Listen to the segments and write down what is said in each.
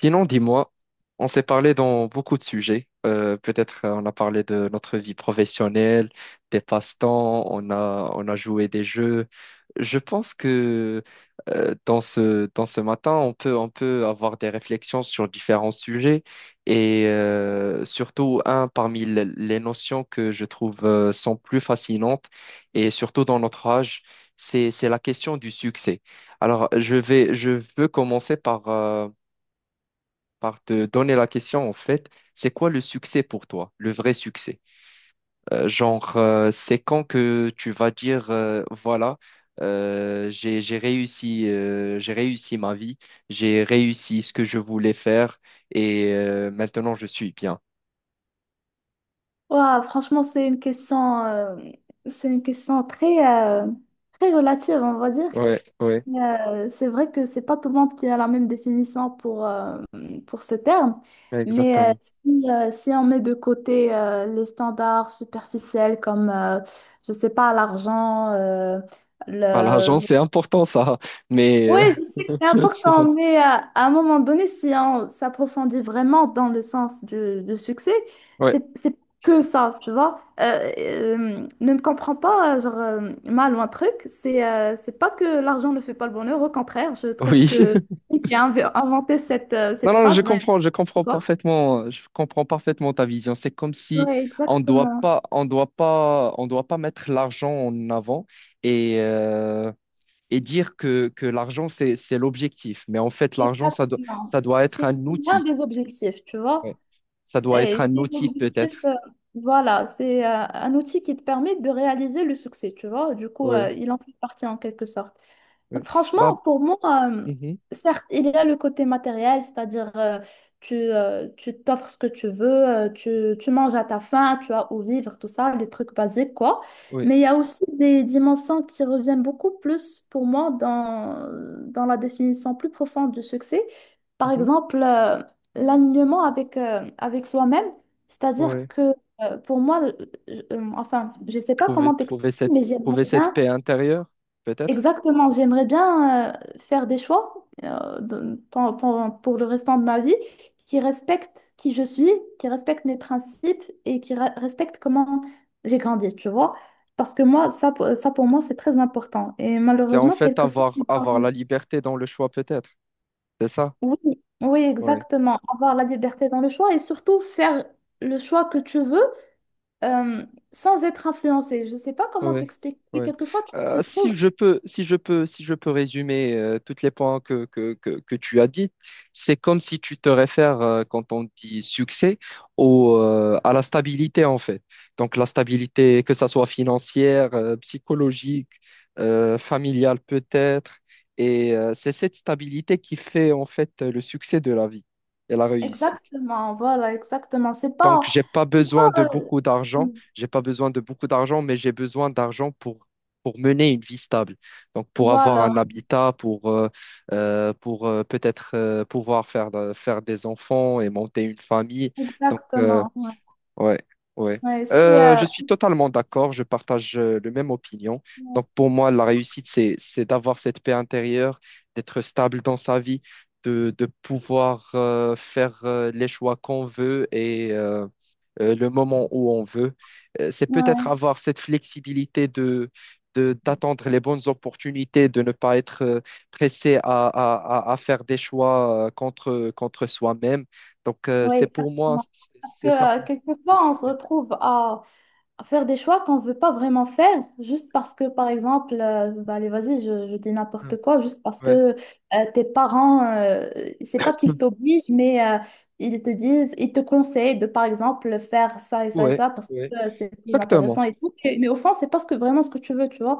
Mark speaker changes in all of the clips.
Speaker 1: Sinon, dis-moi, on s'est parlé dans beaucoup de sujets. Peut-être on a parlé de notre vie professionnelle, des passe-temps, on a joué des jeux. Je pense que dans ce matin, on peut avoir des réflexions sur différents sujets et surtout un parmi les notions que je trouve sont plus fascinantes, et surtout dans notre âge, c'est la question du succès. Alors, je veux commencer par te donner la question, en fait, c'est quoi le succès pour toi, le vrai succès? Genre, c'est quand que tu vas dire, voilà, j'ai réussi, j'ai réussi ma vie, j'ai réussi ce que je voulais faire, et maintenant je suis bien.
Speaker 2: Ouah, franchement, c'est une question très, très relative, on va dire.
Speaker 1: Ouais, ouais,
Speaker 2: C'est vrai que c'est pas tout le monde qui a la même définition pour ce terme, mais
Speaker 1: exactement.
Speaker 2: si, si on met de côté les standards superficiels comme, je sais pas, l'argent,
Speaker 1: Bah, l'argent, c'est important, ça, mais
Speaker 2: oui, je sais que c'est important, mais à, un moment donné, si on s'approfondit vraiment dans le sens du succès,
Speaker 1: ouais,
Speaker 2: c'est que ça, tu vois. Ne me comprends pas, genre, mal ou un truc, c'est pas que l'argent ne fait pas le bonheur, au contraire, je trouve
Speaker 1: oui.
Speaker 2: que celui qui a inventé cette,
Speaker 1: Non,
Speaker 2: cette
Speaker 1: non, je
Speaker 2: phrase, ben,
Speaker 1: comprends,
Speaker 2: c'est quoi?
Speaker 1: parfaitement, je comprends parfaitement ta vision. C'est comme si
Speaker 2: Oui, exactement.
Speaker 1: on doit pas mettre l'argent en avant, et, et dire que l'argent, c'est l'objectif. Mais en fait, l'argent, ça doit,
Speaker 2: Exactement.
Speaker 1: ça doit être
Speaker 2: C'est
Speaker 1: un
Speaker 2: l'un
Speaker 1: outil.
Speaker 2: des objectifs, tu vois.
Speaker 1: Ouais. Ça doit
Speaker 2: Et
Speaker 1: être un
Speaker 2: c'est
Speaker 1: outil
Speaker 2: l'objectif,
Speaker 1: peut-être.
Speaker 2: voilà, c'est un outil qui te permet de réaliser le succès, tu vois. Du coup,
Speaker 1: Oui,
Speaker 2: il en fait partie en quelque sorte. Donc,
Speaker 1: oui.
Speaker 2: franchement,
Speaker 1: Bah,
Speaker 2: pour moi, euh,
Speaker 1: mhm,
Speaker 2: certes, il y a le côté matériel, c'est-à-dire tu t'offres ce que tu veux, tu manges à ta faim, tu as où vivre, tout ça, les trucs basiques, quoi.
Speaker 1: oui,
Speaker 2: Mais il y a aussi des dimensions qui reviennent beaucoup plus pour moi dans la définition plus profonde du succès. Par
Speaker 1: mhm,
Speaker 2: exemple, l'alignement avec, avec soi-même, c'est-à-dire
Speaker 1: oui.
Speaker 2: que pour moi, enfin, je ne sais pas
Speaker 1: Trouver,
Speaker 2: comment t'expliquer,
Speaker 1: trouver cette,
Speaker 2: mais
Speaker 1: trouver
Speaker 2: j'aimerais
Speaker 1: cette
Speaker 2: bien.
Speaker 1: paix intérieure, peut-être.
Speaker 2: Exactement, j'aimerais bien faire des choix pour le restant de ma vie qui respectent qui je suis, qui respectent mes principes et qui respectent comment j'ai grandi, tu vois. Parce que moi, ça pour moi, c'est très important. Et
Speaker 1: C'est en
Speaker 2: malheureusement,
Speaker 1: fait
Speaker 2: quelquefois,
Speaker 1: avoir la liberté dans le choix, peut-être. C'est ça?
Speaker 2: oui, oui,
Speaker 1: Ouais.
Speaker 2: exactement, avoir la liberté dans le choix et surtout faire le choix que tu veux euh, sans être influencé. Je ne sais pas comment
Speaker 1: Ouais,
Speaker 2: t'expliquer.
Speaker 1: ouais.
Speaker 2: Quelquefois, tu
Speaker 1: Euh,
Speaker 2: te trouves.
Speaker 1: si je peux, si je peux, si je peux, résumer tous les points que tu as dit, c'est comme si tu te réfères, quand on dit succès, à la stabilité en fait. Donc la stabilité, que ça soit financière, psychologique, familiale peut-être, et c'est cette stabilité qui fait en fait le succès de la vie et la réussite.
Speaker 2: Exactement, voilà, exactement.
Speaker 1: Donc, j'ai pas
Speaker 2: C'est
Speaker 1: besoin de
Speaker 2: pas,
Speaker 1: beaucoup
Speaker 2: mm,
Speaker 1: d'argent. J'ai pas besoin de beaucoup d'argent, mais j'ai besoin d'argent pour mener une vie stable. Donc, pour avoir
Speaker 2: voilà,
Speaker 1: un habitat, pour peut-être pouvoir faire, faire des enfants et monter une famille. Donc,
Speaker 2: exactement. Ouais,
Speaker 1: ouais, ouais.
Speaker 2: ouais, c'est,
Speaker 1: Je
Speaker 2: euh,
Speaker 1: suis totalement d'accord, je partage le même opinion. Donc pour moi, la réussite, c'est d'avoir cette paix intérieure, d'être stable dans sa vie, de pouvoir faire les choix qu'on veut, et le moment où on veut. C'est peut-être
Speaker 2: ouais,
Speaker 1: avoir cette flexibilité d'attendre les bonnes opportunités, de ne pas être pressé à faire des choix contre soi-même. Donc
Speaker 2: ouais,
Speaker 1: c'est pour moi,
Speaker 2: exactement.
Speaker 1: c'est
Speaker 2: Parce que
Speaker 1: c'est ça. Le
Speaker 2: quelquefois, on se
Speaker 1: succès.
Speaker 2: retrouve à faire des choix qu'on ne veut pas vraiment faire, juste parce que, par exemple, bah, allez, vas-y, je dis
Speaker 1: Hein.
Speaker 2: n'importe quoi, juste parce que
Speaker 1: Ouais,
Speaker 2: tes parents, c'est pas qu'ils t'obligent, mais ils te disent, ils te conseillent de, par exemple, faire ça et ça et
Speaker 1: ouais,
Speaker 2: ça, parce que
Speaker 1: ouais.
Speaker 2: c'est plus
Speaker 1: Exactement,
Speaker 2: intéressant et tout. Et mais au fond, c'est pas ce que, vraiment ce que tu veux, tu vois.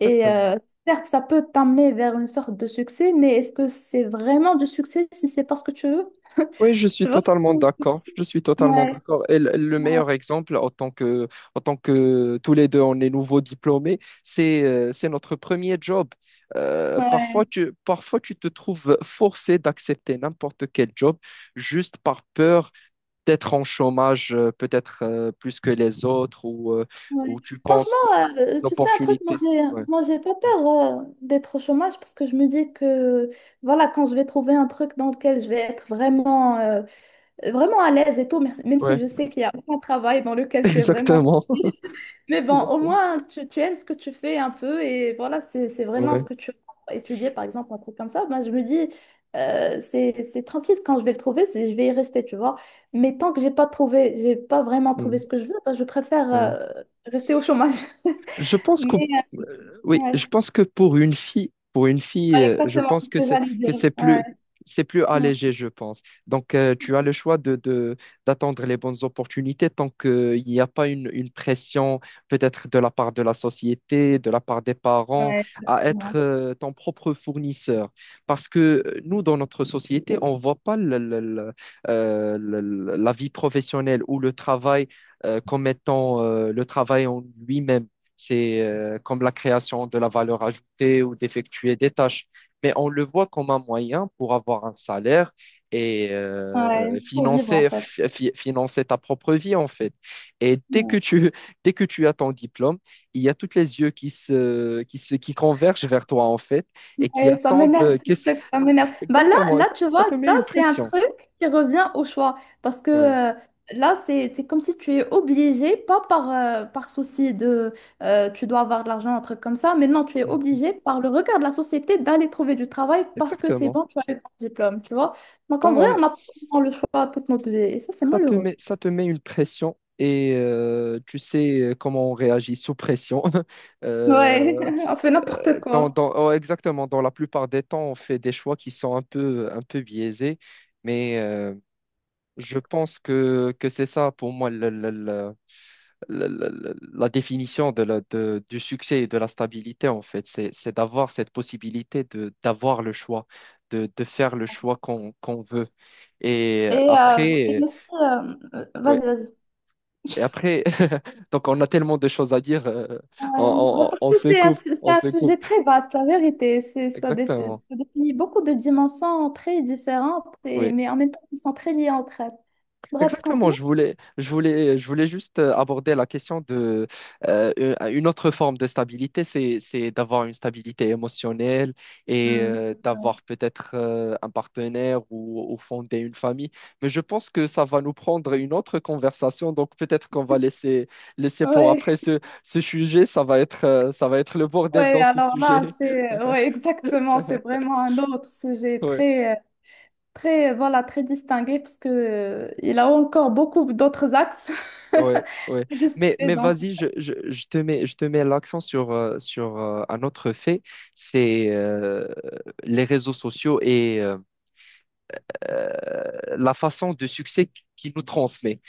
Speaker 2: Et certes, ça peut t'amener vers une sorte de succès, mais est-ce que c'est vraiment du succès si c'est pas ce que tu veux?
Speaker 1: Oui, je suis
Speaker 2: Tu vois?
Speaker 1: totalement d'accord. Je suis totalement
Speaker 2: Ouais,
Speaker 1: d'accord. Et le
Speaker 2: ouais,
Speaker 1: meilleur exemple, en tant que tous les deux, on est nouveaux diplômés, c'est notre premier job. Parfois,
Speaker 2: ouais.
Speaker 1: tu te trouves forcé d'accepter n'importe quel job juste par peur d'être en chômage, peut-être plus que les autres,
Speaker 2: Ouais.
Speaker 1: ou tu penses que
Speaker 2: Franchement, tu sais, un truc,
Speaker 1: l'opportunité. Ouais,
Speaker 2: moi, j'ai pas
Speaker 1: ouais,
Speaker 2: peur d'être au chômage parce que je me dis que, voilà, quand je vais trouver un truc dans lequel je vais être vraiment, vraiment à l'aise et tout, même si
Speaker 1: ouais,
Speaker 2: je sais qu'il y a aucun travail dans lequel tu es vraiment
Speaker 1: exactement.
Speaker 2: tranquille, mais bon, au moins, tu aimes ce que tu fais un peu et voilà, c'est vraiment
Speaker 1: Ouais.
Speaker 2: ce que tu as étudié, par exemple, un truc comme ça. Ben, je me dis, c'est tranquille quand je vais le trouver, c'est, je vais y rester, tu vois. Mais tant que j'ai pas trouvé, j'ai pas vraiment trouvé
Speaker 1: Mmh,
Speaker 2: ce que je veux, ben, je préfère
Speaker 1: ouais.
Speaker 2: rester au chômage.
Speaker 1: Je pense que
Speaker 2: Mais, euh,
Speaker 1: oui, je
Speaker 2: ouais,
Speaker 1: pense que pour une fille,
Speaker 2: ouais,
Speaker 1: je
Speaker 2: exactement,
Speaker 1: pense
Speaker 2: c'est ce
Speaker 1: que
Speaker 2: que j'allais dire. Ouais,
Speaker 1: c'est plus
Speaker 2: ouais,
Speaker 1: allégé, je pense. Donc tu as le choix de d'attendre les bonnes opportunités tant que il n'y a pas une pression peut-être de la part de la société, de la part des parents
Speaker 2: ouais,
Speaker 1: à être
Speaker 2: exactement.
Speaker 1: ton propre fournisseur. Parce que nous dans notre société, on voit pas la vie professionnelle ou le travail comme étant le travail en lui-même. C'est comme la création de la valeur ajoutée ou d'effectuer des tâches. Mais on le voit comme un moyen pour avoir un salaire et
Speaker 2: Ouais, pour vivre en fait.
Speaker 1: financer ta propre vie, en fait. Et
Speaker 2: Ouais.
Speaker 1: dès que tu as ton diplôme, il y a toutes les yeux qui convergent vers toi, en fait, et qui
Speaker 2: Eh, ça
Speaker 1: attendent.
Speaker 2: m'énerve ce truc, ça m'énerve. Bah là,
Speaker 1: Exactement,
Speaker 2: là, tu
Speaker 1: ça
Speaker 2: vois,
Speaker 1: te met
Speaker 2: ça,
Speaker 1: une
Speaker 2: c'est un
Speaker 1: pression.
Speaker 2: truc qui revient au choix. Parce que
Speaker 1: Ouais.
Speaker 2: là, c'est comme si tu es obligé, pas par, par souci de tu dois avoir de l'argent, un truc comme ça, mais non, tu es
Speaker 1: Mm.
Speaker 2: obligé par le regard de la société d'aller trouver du travail parce que c'est
Speaker 1: Exactement.
Speaker 2: bon, tu as eu ton diplôme, tu vois. Donc en vrai,
Speaker 1: Pas.
Speaker 2: on n'a pas vraiment le choix toute notre vie. Et ça, c'est malheureux.
Speaker 1: Ça te met une pression et tu sais, comment on réagit sous pression.
Speaker 2: Ouais,
Speaker 1: Euh,
Speaker 2: on fait n'importe quoi.
Speaker 1: oh, exactement, dans la plupart des temps, on fait des choix qui sont un peu biaisés, mais je pense que c'est ça pour moi la définition du succès et de la stabilité, en fait. C'est d'avoir cette possibilité d'avoir le choix, de faire le choix qu'on veut. Et
Speaker 2: Et
Speaker 1: après. Ouais.
Speaker 2: vas-y, vas-y.
Speaker 1: Et après, donc on a tellement de choses à dire,
Speaker 2: Ouais, bah, parce
Speaker 1: on
Speaker 2: que
Speaker 1: se
Speaker 2: c'est un,
Speaker 1: coupe,
Speaker 2: c'est
Speaker 1: on
Speaker 2: un
Speaker 1: se
Speaker 2: sujet
Speaker 1: coupe.
Speaker 2: très vaste, la vérité.
Speaker 1: Exactement.
Speaker 2: Ça définit beaucoup de dimensions très différentes, et,
Speaker 1: Oui.
Speaker 2: mais en même temps, qui sont très liées entre elles. Bref,
Speaker 1: Exactement.
Speaker 2: continue.
Speaker 1: Je voulais juste aborder la question de une autre forme de stabilité, c'est d'avoir une stabilité émotionnelle et
Speaker 2: Hmm.
Speaker 1: d'avoir peut-être un partenaire ou fonder une famille. Mais je pense que ça va nous prendre une autre conversation, donc peut-être qu'on va laisser, laisser pour
Speaker 2: Ouais,
Speaker 1: après ce sujet. Ça va être le bordel
Speaker 2: ouais,
Speaker 1: dans ce
Speaker 2: alors là,
Speaker 1: sujet.
Speaker 2: exactement, c'est vraiment un autre sujet
Speaker 1: Ouais,
Speaker 2: très, très, voilà, très distingué, parce que, il a encore beaucoup d'autres axes
Speaker 1: ouais, ouais.
Speaker 2: à discuter
Speaker 1: Mais
Speaker 2: dans ce-
Speaker 1: vas-y, je te mets l'accent sur un autre fait, c'est les réseaux sociaux et euh, la façon de succès qu'ils nous transmet.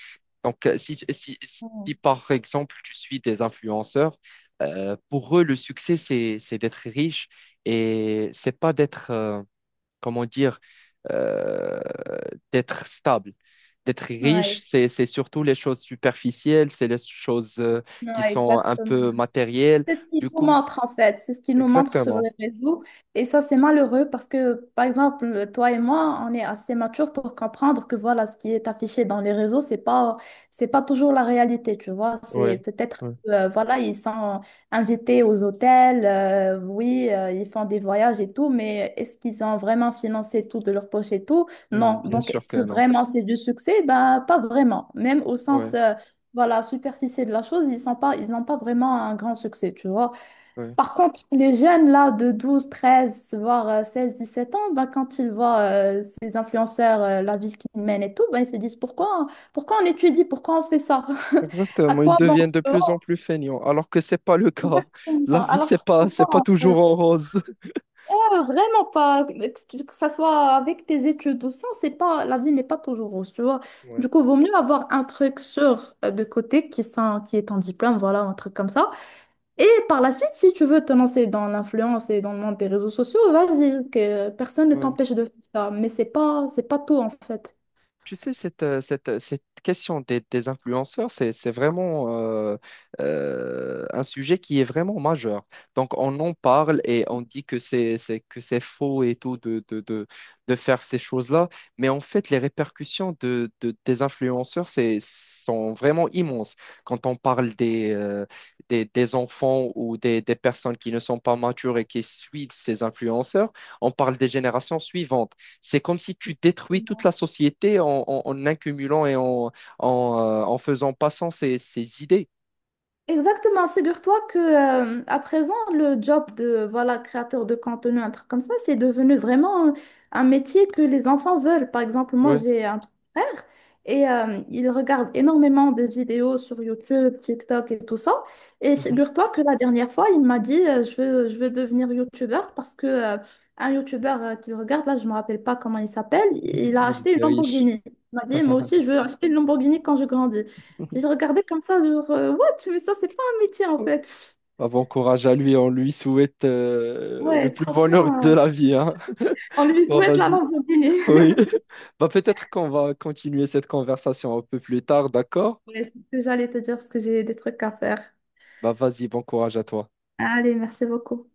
Speaker 1: Donc, si par exemple tu suis des influenceurs, pour eux, le succès, c'est d'être riche et c'est pas comment dire, euh, d'être stable. D'être riche,
Speaker 2: Ouais,
Speaker 1: c'est surtout les choses superficielles, c'est les choses qui
Speaker 2: ouais,
Speaker 1: sont un
Speaker 2: exactement.
Speaker 1: peu matérielles.
Speaker 2: C'est ce qu'ils
Speaker 1: Du
Speaker 2: nous
Speaker 1: coup,
Speaker 2: montrent en fait, c'est ce qu'ils nous montrent sur
Speaker 1: exactement.
Speaker 2: les réseaux. Et ça, c'est malheureux parce que, par exemple, toi et moi, on est assez matures pour comprendre que voilà, ce qui est affiché dans les réseaux, c'est pas toujours la réalité, tu vois. C'est
Speaker 1: Oui,
Speaker 2: peut-être,
Speaker 1: oui.
Speaker 2: voilà, ils sont invités aux hôtels, oui, ils font des voyages et tout, mais est-ce qu'ils ont vraiment financé tout de leur poche et tout?
Speaker 1: Hmm,
Speaker 2: Non.
Speaker 1: bien
Speaker 2: Donc,
Speaker 1: sûr
Speaker 2: est-ce
Speaker 1: que
Speaker 2: que
Speaker 1: non.
Speaker 2: vraiment c'est du succès? Ben, pas vraiment. Même au sens
Speaker 1: Oui,
Speaker 2: voilà, superficie de la chose, ils n'ont pas vraiment un grand succès, tu vois.
Speaker 1: oui.
Speaker 2: Par contre, les jeunes là de 12 13 voire 17 ans, ben, quand ils voient ces influenceurs, la vie qu'ils mènent et tout, ben, ils se disent pourquoi on étudie, pourquoi on fait ça? À
Speaker 1: Exactement. Ils
Speaker 2: quoi bon?
Speaker 1: deviennent de
Speaker 2: Tu
Speaker 1: plus en
Speaker 2: vois.
Speaker 1: plus feignants, alors que c'est pas le cas.
Speaker 2: Exactement.
Speaker 1: La vie,
Speaker 2: Alors qu'il faut pas,
Speaker 1: c'est pas
Speaker 2: euh,
Speaker 1: toujours en rose.
Speaker 2: pas vraiment pas, que ça soit avec tes études ou sans, c'est pas, la vie n'est pas toujours rose, tu vois.
Speaker 1: Oui,
Speaker 2: Du coup, vaut mieux avoir un truc sûr de côté qui est en diplôme, voilà, un truc comme ça. Et par la suite, si tu veux te lancer dans l'influence et dans le monde des réseaux sociaux, vas-y, que personne ne
Speaker 1: oui.
Speaker 2: t'empêche de faire ça. Mais c'est pas tout en fait.
Speaker 1: Tu sais, cette question des influenceurs, c'est vraiment un sujet qui est vraiment majeur. Donc, on en parle et on dit que que c'est faux et tout de faire ces choses-là. Mais en fait, les répercussions des influenceurs sont vraiment immenses. Quand on parle des enfants ou des personnes qui ne sont pas matures et qui suivent ces influenceurs, on parle des générations suivantes. C'est comme si tu détruis toute la société en accumulant et en faisant passant ses idées.
Speaker 2: Exactement, figure-toi que à présent le job de voilà créateur de contenu un truc comme ça, c'est devenu vraiment un métier que les enfants veulent. Par exemple, moi
Speaker 1: Ouais.
Speaker 2: j'ai un frère et il regarde énormément de vidéos sur YouTube, TikTok et tout ça. Et
Speaker 1: Mhm.
Speaker 2: figure-toi que la dernière fois, il m'a dit je veux devenir YouTubeur parce que un YouTubeur qu'il regarde là, je me rappelle pas comment il s'appelle, il a
Speaker 1: Il
Speaker 2: acheté une
Speaker 1: était riche.
Speaker 2: Lamborghini. Il m'a dit moi aussi je veux acheter une Lamborghini quand je grandis. J'ai regardé comme ça, genre, what? Mais ça, c'est pas un métier en fait.
Speaker 1: Bah, bon courage à lui, on lui souhaite le
Speaker 2: Ouais,
Speaker 1: plus bonheur
Speaker 2: franchement,
Speaker 1: de la vie, hein.
Speaker 2: on lui
Speaker 1: Bon,
Speaker 2: souhaite la
Speaker 1: vas-y.
Speaker 2: lamborghini.
Speaker 1: Oui. Bah, peut-être qu'on va continuer cette conversation un peu plus tard, d'accord?
Speaker 2: Ouais, c'est ce que j'allais te dire parce que j'ai des trucs à faire.
Speaker 1: Bah, vas-y, bon courage à toi.
Speaker 2: Allez, merci beaucoup.